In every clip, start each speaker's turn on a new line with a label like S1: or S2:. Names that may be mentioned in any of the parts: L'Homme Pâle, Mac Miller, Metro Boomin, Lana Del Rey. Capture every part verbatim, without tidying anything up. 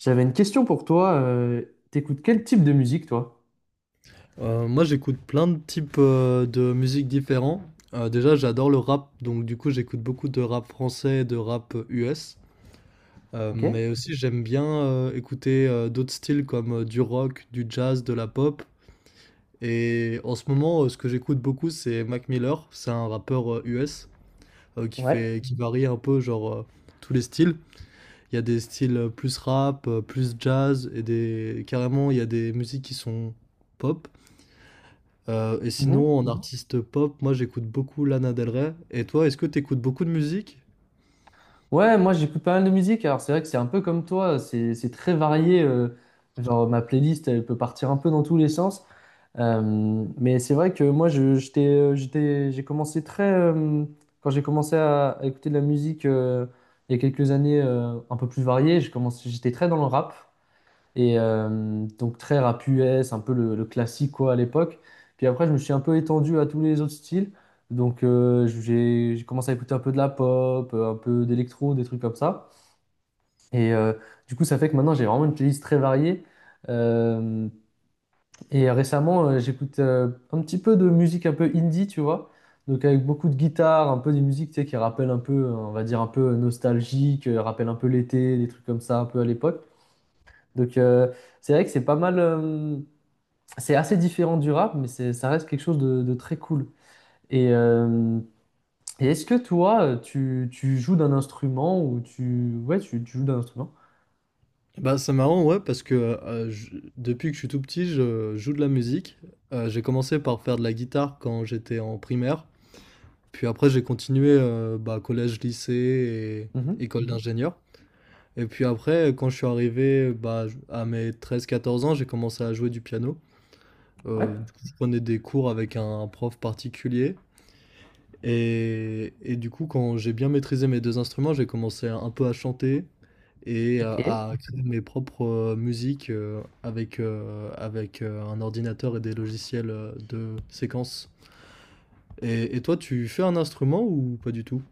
S1: J'avais une question pour toi. Euh, t'écoutes quel type de musique, toi?
S2: Euh, moi, j'écoute plein de types euh, de musique différents. Euh, déjà, j'adore le rap, donc du coup, j'écoute beaucoup de rap français et de rap U S. Euh,
S1: Ok,
S2: mais aussi, j'aime bien euh, écouter euh, d'autres styles comme euh, du rock, du jazz, de la pop. Et en ce moment, euh, ce que j'écoute beaucoup, c'est Mac Miller. C'est un rappeur euh, U S euh, qui
S1: ouais.
S2: fait, qui varie un peu, genre, euh, tous les styles. Il y a des styles euh, plus rap, euh, plus jazz, et des carrément, il y a des musiques qui sont pop. Euh, et
S1: Mhm.
S2: sinon, en artiste pop, moi j'écoute beaucoup Lana Del Rey. Et toi, est-ce que tu écoutes beaucoup de musique?
S1: Ouais, moi j'écoute pas mal de musique. Alors c'est vrai que c'est un peu comme toi, c'est c'est très varié. Euh, genre ma playlist, elle peut partir un peu dans tous les sens. Euh, mais c'est vrai que moi je, j'étais, euh, j'étais, j'ai commencé très, euh, quand j'ai commencé à, à écouter de la musique euh, il y a quelques années euh, un peu plus variée, j'ai commencé, j'étais très dans le rap. Et euh, donc très rap U S, un peu le, le classique quoi à l'époque. Puis après, je me suis un peu étendu à tous les autres styles. Donc euh, j'ai j'ai commencé à écouter un peu de la pop, euh, un peu d'électro, des trucs comme ça. Et euh, du coup, ça fait que maintenant, j'ai vraiment une playlist très variée. Euh, et récemment, euh, j'écoute euh, un petit peu de musique un peu indie, tu vois. Donc avec beaucoup de guitare, un peu des musiques tu sais, qui rappellent un peu, euh, on va dire un peu nostalgique, euh, rappellent un peu l'été, des trucs comme ça, un peu à l'époque. Donc euh, c'est vrai que c'est pas mal. Euh, c'est assez différent du rap, mais c'est, ça reste quelque chose de, de très cool. Et, euh, et est-ce que toi, euh, tu, tu joues d'un instrument ou tu... Ouais, tu, tu joues d'un instrument.
S2: Bah, c'est marrant, ouais, parce que euh, je- depuis que je suis tout petit, je joue de la musique. Euh, j'ai commencé par faire de la guitare quand j'étais en primaire. Puis après, j'ai continué euh, bah, collège, lycée et
S1: Mhm.
S2: école d'ingénieur. Et puis après, quand je suis arrivé bah, à mes treize quatorze ans, j'ai commencé à jouer du piano.
S1: Ouais,
S2: Euh, du coup, je prenais des cours avec un prof particulier. Et et du coup, quand j'ai bien maîtrisé mes deux instruments, j'ai commencé un un peu à chanter et à
S1: ok.
S2: à créer mes propres, heu, musiques, heu, avec, heu, avec, heu, un ordinateur et des logiciels, heu, de séquence. Et et toi, tu fais un instrument ou pas du tout?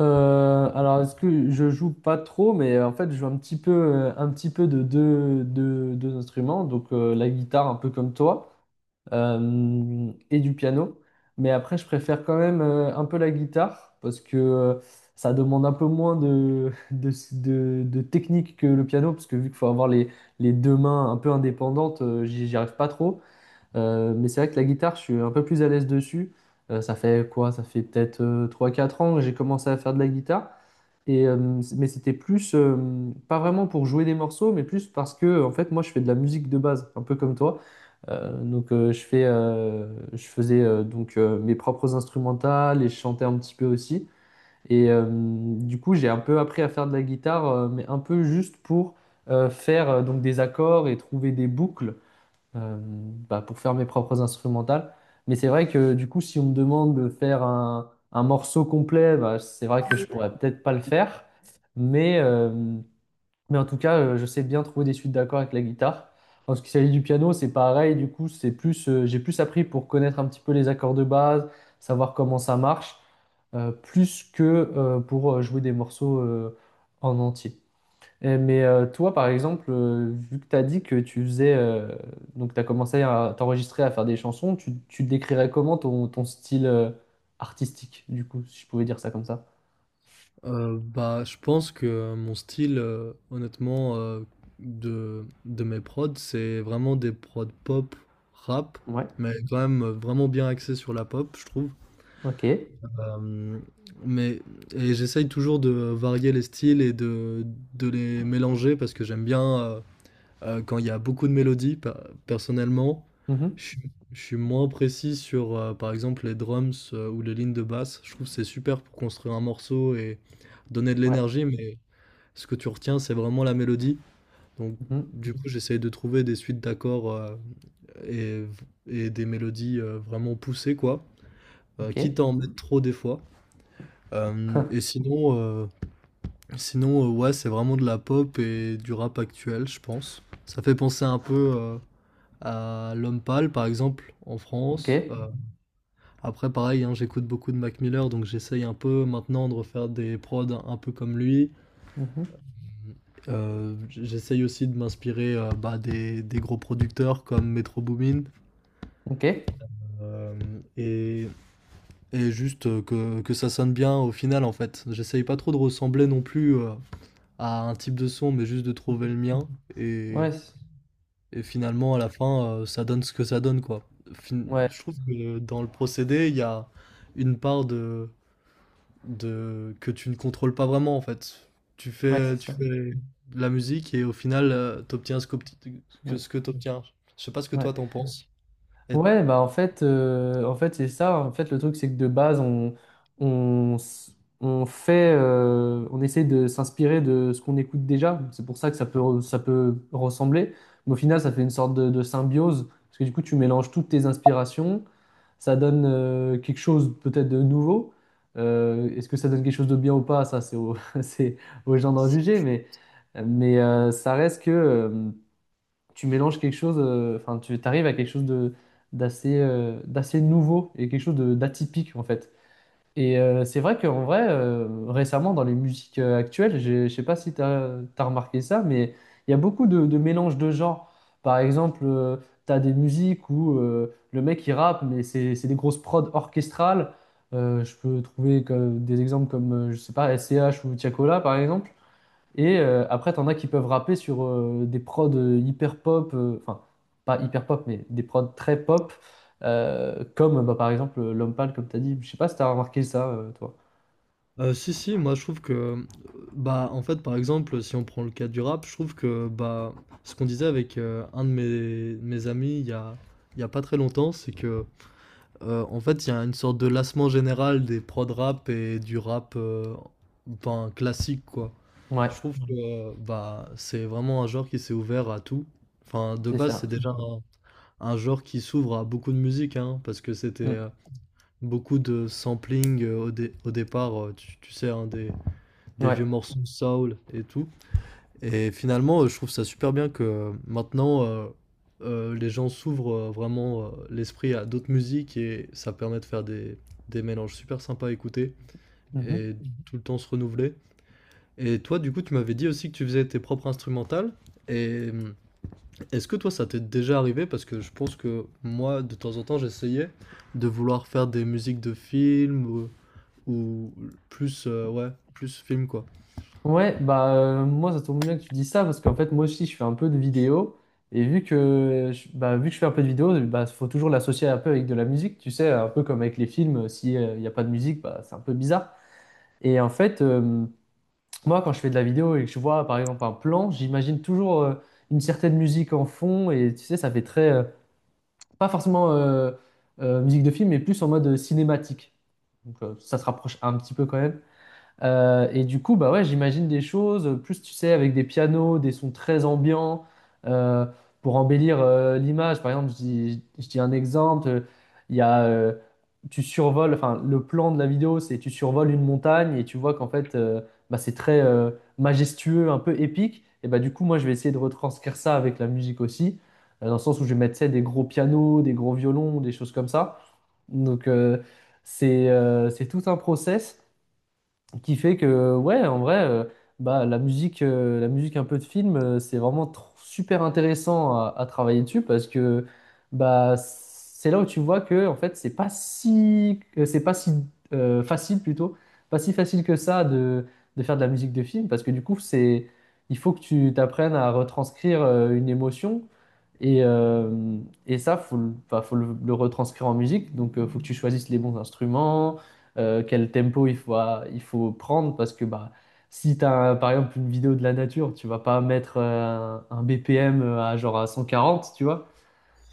S1: Euh, alors, est-ce que je joue pas trop, mais euh, en fait, je joue un petit peu, euh, un petit peu de deux, deux- deux instruments. Donc, euh, la guitare, un peu comme toi. Euh, et du piano. Mais après, je préfère quand même euh, un peu la guitare parce que euh, ça demande un peu moins de, de, de- de technique que le piano, parce que vu qu'il faut avoir les, les deux mains un peu indépendantes, euh, j'y j'y arrive pas trop. Euh, mais c'est vrai que la guitare, je suis un peu plus à l'aise dessus. Euh, ça fait quoi? Ça fait peut-être euh, trois quatre ans que j'ai commencé à faire de la guitare. Et, euh, c- mais c'était plus, euh, pas vraiment pour jouer des morceaux, mais plus parce que, en fait, moi, je fais de la musique de base, un peu comme toi. Euh, donc euh, je fais, euh, je faisais euh, donc euh, mes propres instrumentales et je chantais un petit peu aussi. Et euh, du coup, j'ai un peu appris à faire de la guitare, euh, mais un peu juste pour euh, faire euh, donc des accords et trouver des boucles euh, bah, pour faire mes propres instrumentales. Mais c'est vrai que du coup, si on me demande de faire un, un morceau complet, bah, c'est vrai que je pourrais peut-être pas le faire. Mais, euh, mais en tout cas, euh, je sais bien trouver des suites d'accords avec la guitare. En ce qui s'agit du piano, c'est pareil. Du coup, c'est plus, euh, j'ai plus appris pour connaître un petit peu les accords de base, savoir comment ça marche, euh, plus que euh, pour euh, jouer des morceaux euh, en entier. Et- mais euh, toi, par exemple, euh, vu que tu as dit que tu faisais, euh, donc tu as commencé à t'enregistrer, à faire des chansons, tu, tu décrirais comment ton, ton style euh, artistique, du coup, si je pouvais dire ça comme ça?
S2: Heu, bah, je pense que mon style, heu, honnêtement, heu, de de mes prods, c'est vraiment des prods pop, rap,
S1: Ouais.
S2: mais quand même, heu, vraiment bien axé sur la pop, je trouve.
S1: Ok.
S2: Euh, mais et j'essaye toujours de varier les styles et de, de les mélanger parce que j'aime bien euh, euh, quand il y a beaucoup de mélodies. pe- Personnellement,
S1: Mhm.
S2: je, suis je suis moins précis sur euh, par exemple les drums euh, ou les lignes de basse. Je trouve que c'est super pour construire un morceau et donner de
S1: Ouais.
S2: l'énergie, mais ce que tu retiens, c'est vraiment la mélodie. Donc
S1: Mhm.
S2: du coup, j'essaye de trouver des suites d'accords euh, et, et des mélodies euh, vraiment poussées quoi, euh,
S1: Ok.
S2: quitte à en mettre trop des fois. Hem Et sinon, heu, sinon, heu, ouais, c'est vraiment de la pop et du rap actuel, je pense. Ça fait penser un peu, heu, à L'Homme Pâle, par exemple, en
S1: Ok.
S2: France. Heu, après pareil, hein, j'écoute beaucoup de Mac Miller, donc j'essaye un peu maintenant de refaire des prods un un peu comme lui.
S1: Mhm.
S2: Heu, j j'essaye aussi de m'inspirer, heu, bah, des des gros producteurs comme Metro Boomin.
S1: Ok.
S2: Hem et et juste, heu, que que ça sonne bien au final, en fait. J'essaye pas trop de ressembler non plus, heu, à un type de son, mais juste de trouver
S1: Mhm.
S2: le mien. Et,
S1: Ouais. c'est-
S2: et finalement, à la fin, euh, ça donne ce que ça donne, quoi. Fin-
S1: Ouais.
S2: je trouve que le- dans le procédé, il y a une part de, de que tu ne contrôles pas vraiment, en fait. Tu
S1: Ouais, c'est
S2: fais,
S1: ça.
S2: tu fais de la musique et au final, tu obtiens ce qu'obti- que,
S1: Ouais.
S2: ce que tu obtiens. Je sais pas ce que
S1: Ouais.
S2: toi t'en penses. Et
S1: Ouais, bah en fait, euh, en fait c'est ça. En fait, le truc, c'est que de base, on, on, s- on fait, euh, on essaie de s'inspirer de ce qu'on écoute déjà. C'est pour ça que ça peut, re- ça peut ressembler. Mais au final, ça fait une sorte de, de symbiose. Parce que du coup, tu mélanges toutes tes inspirations. Ça donne euh, quelque chose peut-être de nouveau. Euh, est-ce que ça donne quelque chose de bien ou pas? Ça, c'est au- c'est aux gens d'en juger. Mais, mais euh, ça reste que. Euh, tu mélanges quelque chose, euh, enfin, tu arrives à quelque chose de d'assez euh, d'assez nouveau et quelque chose de- d'atypique en fait. Et euh, c'est vrai qu'en vrai, euh, récemment dans les musiques euh, actuelles, j'ai- je sais pas si tu as, remarqué ça, mais il y a beaucoup de, de mélanges de genres. Par exemple, tu as des musiques où euh, le mec il rappe, mais c'est c'est des grosses prods orchestrales. Euh, je peux trouver que- des exemples comme, euh, je sais pas, S C H ou Tiakola par exemple. Et euh, après, t'en as qui peuvent rapper sur euh, des prods euh, hyper pop, euh, enfin, pas hyper pop, mais des prods très pop, euh, comme bah, par exemple euh, L'Homme Pâle, comme t'as dit. Je sais pas si t'as remarqué ça, euh, toi.
S2: Heu, si, si, moi je trouve que, bah, en fait, par exemple, si on prend le cas du rap, je trouve que, bah, ce qu'on disait avec, heu, un de mes mes amis il y a il y a pas très longtemps, c'est que, heu, en fait, il y a une sorte de lassement général des prods rap et du rap, heu, ben, classique, quoi.
S1: Ouais,
S2: Je trouve Mmh. que, euh, bah, c'est vraiment un genre qui s'est ouvert à tout. Enfin, de
S1: c'est
S2: base, c'est
S1: ça.
S2: déjà Mmh. un un genre qui s'ouvre à beaucoup de musique, hein, parce que c'était,
S1: Mm.
S2: heu, beaucoup de sampling, heu, au dé au départ, heu, tu tu sais, hein, des des
S1: Ouais.
S2: vieux morceaux de soul et tout. Et finalement, euh, je trouve ça super bien que euh, maintenant, euh, euh, les gens s'ouvrent euh, vraiment euh, l'esprit à d'autres musiques et ça permet de faire des, des mélanges super sympas à écouter
S1: Mhm.
S2: et tout le temps se renouveler. Et toi, du coup, tu m'avais dit aussi que tu faisais tes propres instrumentales. Et hum, est-ce que toi, ça t'est déjà arrivé? Parce que je pense que moi, de temps en temps, j'essayais de vouloir faire des musiques de films ou, ou plus, euh, ouais, plus film, quoi.
S1: Ouais, bah euh, moi, ça tombe bien que tu dis ça, parce qu'en fait, moi aussi, je fais un peu de vidéo. Et vu que, je- bah, vu que je fais un peu de vidéo, bah, faut toujours l'associer un peu avec de la musique, tu sais, un peu comme avec les films, s'il n'y a pas de musique, bah, c'est un peu bizarre. Et en fait, euh, moi, quand je fais de la vidéo et que je vois par exemple un plan, j'imagine toujours euh, une certaine musique en fond et tu sais, ça fait très, euh, pas forcément euh, euh, musique de film, mais plus en mode euh, cinématique. Donc euh, ça se rapproche un petit peu quand même. Euh, et du coup, bah ouais, j'imagine des choses, euh, plus tu sais, avec des pianos, des sons très ambiants, euh, pour embellir euh, l'image. Par exemple, je dis, je dis un exemple, euh, il y a, euh, tu survoles, enfin, le plan de la vidéo, c'est tu survoles une montagne et tu vois qu'en fait, euh, bah, c'est très euh, majestueux, un peu épique. Et bah du coup, moi, je vais essayer de retranscrire ça avec la musique aussi, euh, dans le sens où je vais mettre, tu sais, des gros pianos, des gros violons, des choses comme ça. Donc, euh, c'est euh, c'est tout un process qui fait que ouais en vrai euh, bah la musique euh, la musique un peu de film euh, c'est vraiment tr- super intéressant à, à travailler dessus parce que bah c'est là où tu vois que en fait c'est pas si que c'est pas si euh, facile plutôt pas si facile que ça de, de faire de la musique de film parce que du coup c'est il faut que tu t'apprennes à retranscrire euh, une émotion et, euh, et ça faut le, enfin, faut le, le retranscrire en musique donc euh, faut que tu choisisses les bons instruments euh, quel tempo il faut, à- il faut prendre parce que bah, si tu as par exemple une vidéo de la nature, tu vas pas mettre euh, un, un B P M à genre à cent quarante tu vois.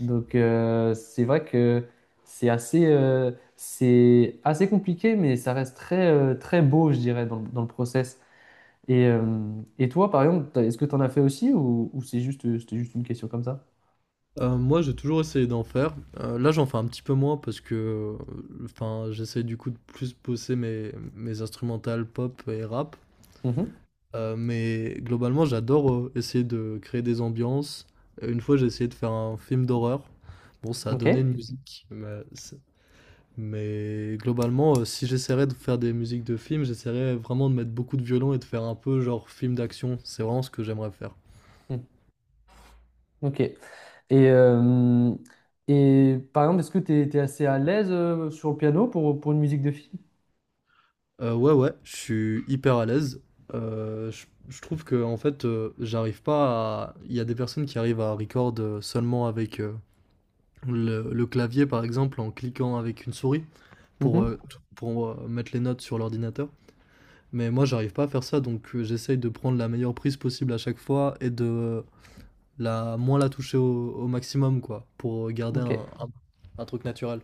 S1: Donc euh, c'est vrai que c'est assez, euh, c'est assez compliqué, mais ça reste très, euh, très beau, je dirais, dans, le- dans le process. Et, euh, et toi, par exemple, t'as- est-ce que tu en as fait aussi ou, ou c'est juste, c'était juste une question comme ça?
S2: Heu, moi, j'ai toujours essayé d'en faire. Heu, là, j'en fais un petit peu moins parce que, heu, enfin, j'essaye du coup de plus bosser mes mes instrumentales pop et rap.
S1: Mhm.
S2: Heu, mais globalement, j'adore, heu, essayer de créer des ambiances. Euh, Une fois, j'ai essayé de faire un film d'horreur. Bon, ça a
S1: Ok.
S2: donné une musique, mais c'est mais globalement, heu, si j'essaierais de faire des musiques de films, j'essaierais vraiment de mettre beaucoup de violon et de faire un peu genre film d'action. C'est vraiment ce que j'aimerais faire.
S1: Mhm. Ok. Et, euh, et par exemple, est-ce que tu es, assez à l'aise euh, sur le piano pour, pour une musique de film?
S2: Heu, ouais, ouais, je suis hyper à l'aise. Heu, je je trouve que en fait, heu, j'arrive pas à il y a des personnes qui arrivent à record, heu, seulement avec, heu, le le clavier, par exemple, en cliquant avec une souris pour,
S1: Mhm.
S2: heu, t pour, heu, mettre les notes sur l'ordinateur. Mais moi, j'arrive pas à faire ça, donc heu, j'essaye de prendre la meilleure prise possible à chaque fois et de la moins la toucher au au maximum, quoi, pour garder un
S1: Ok.
S2: un un truc naturel.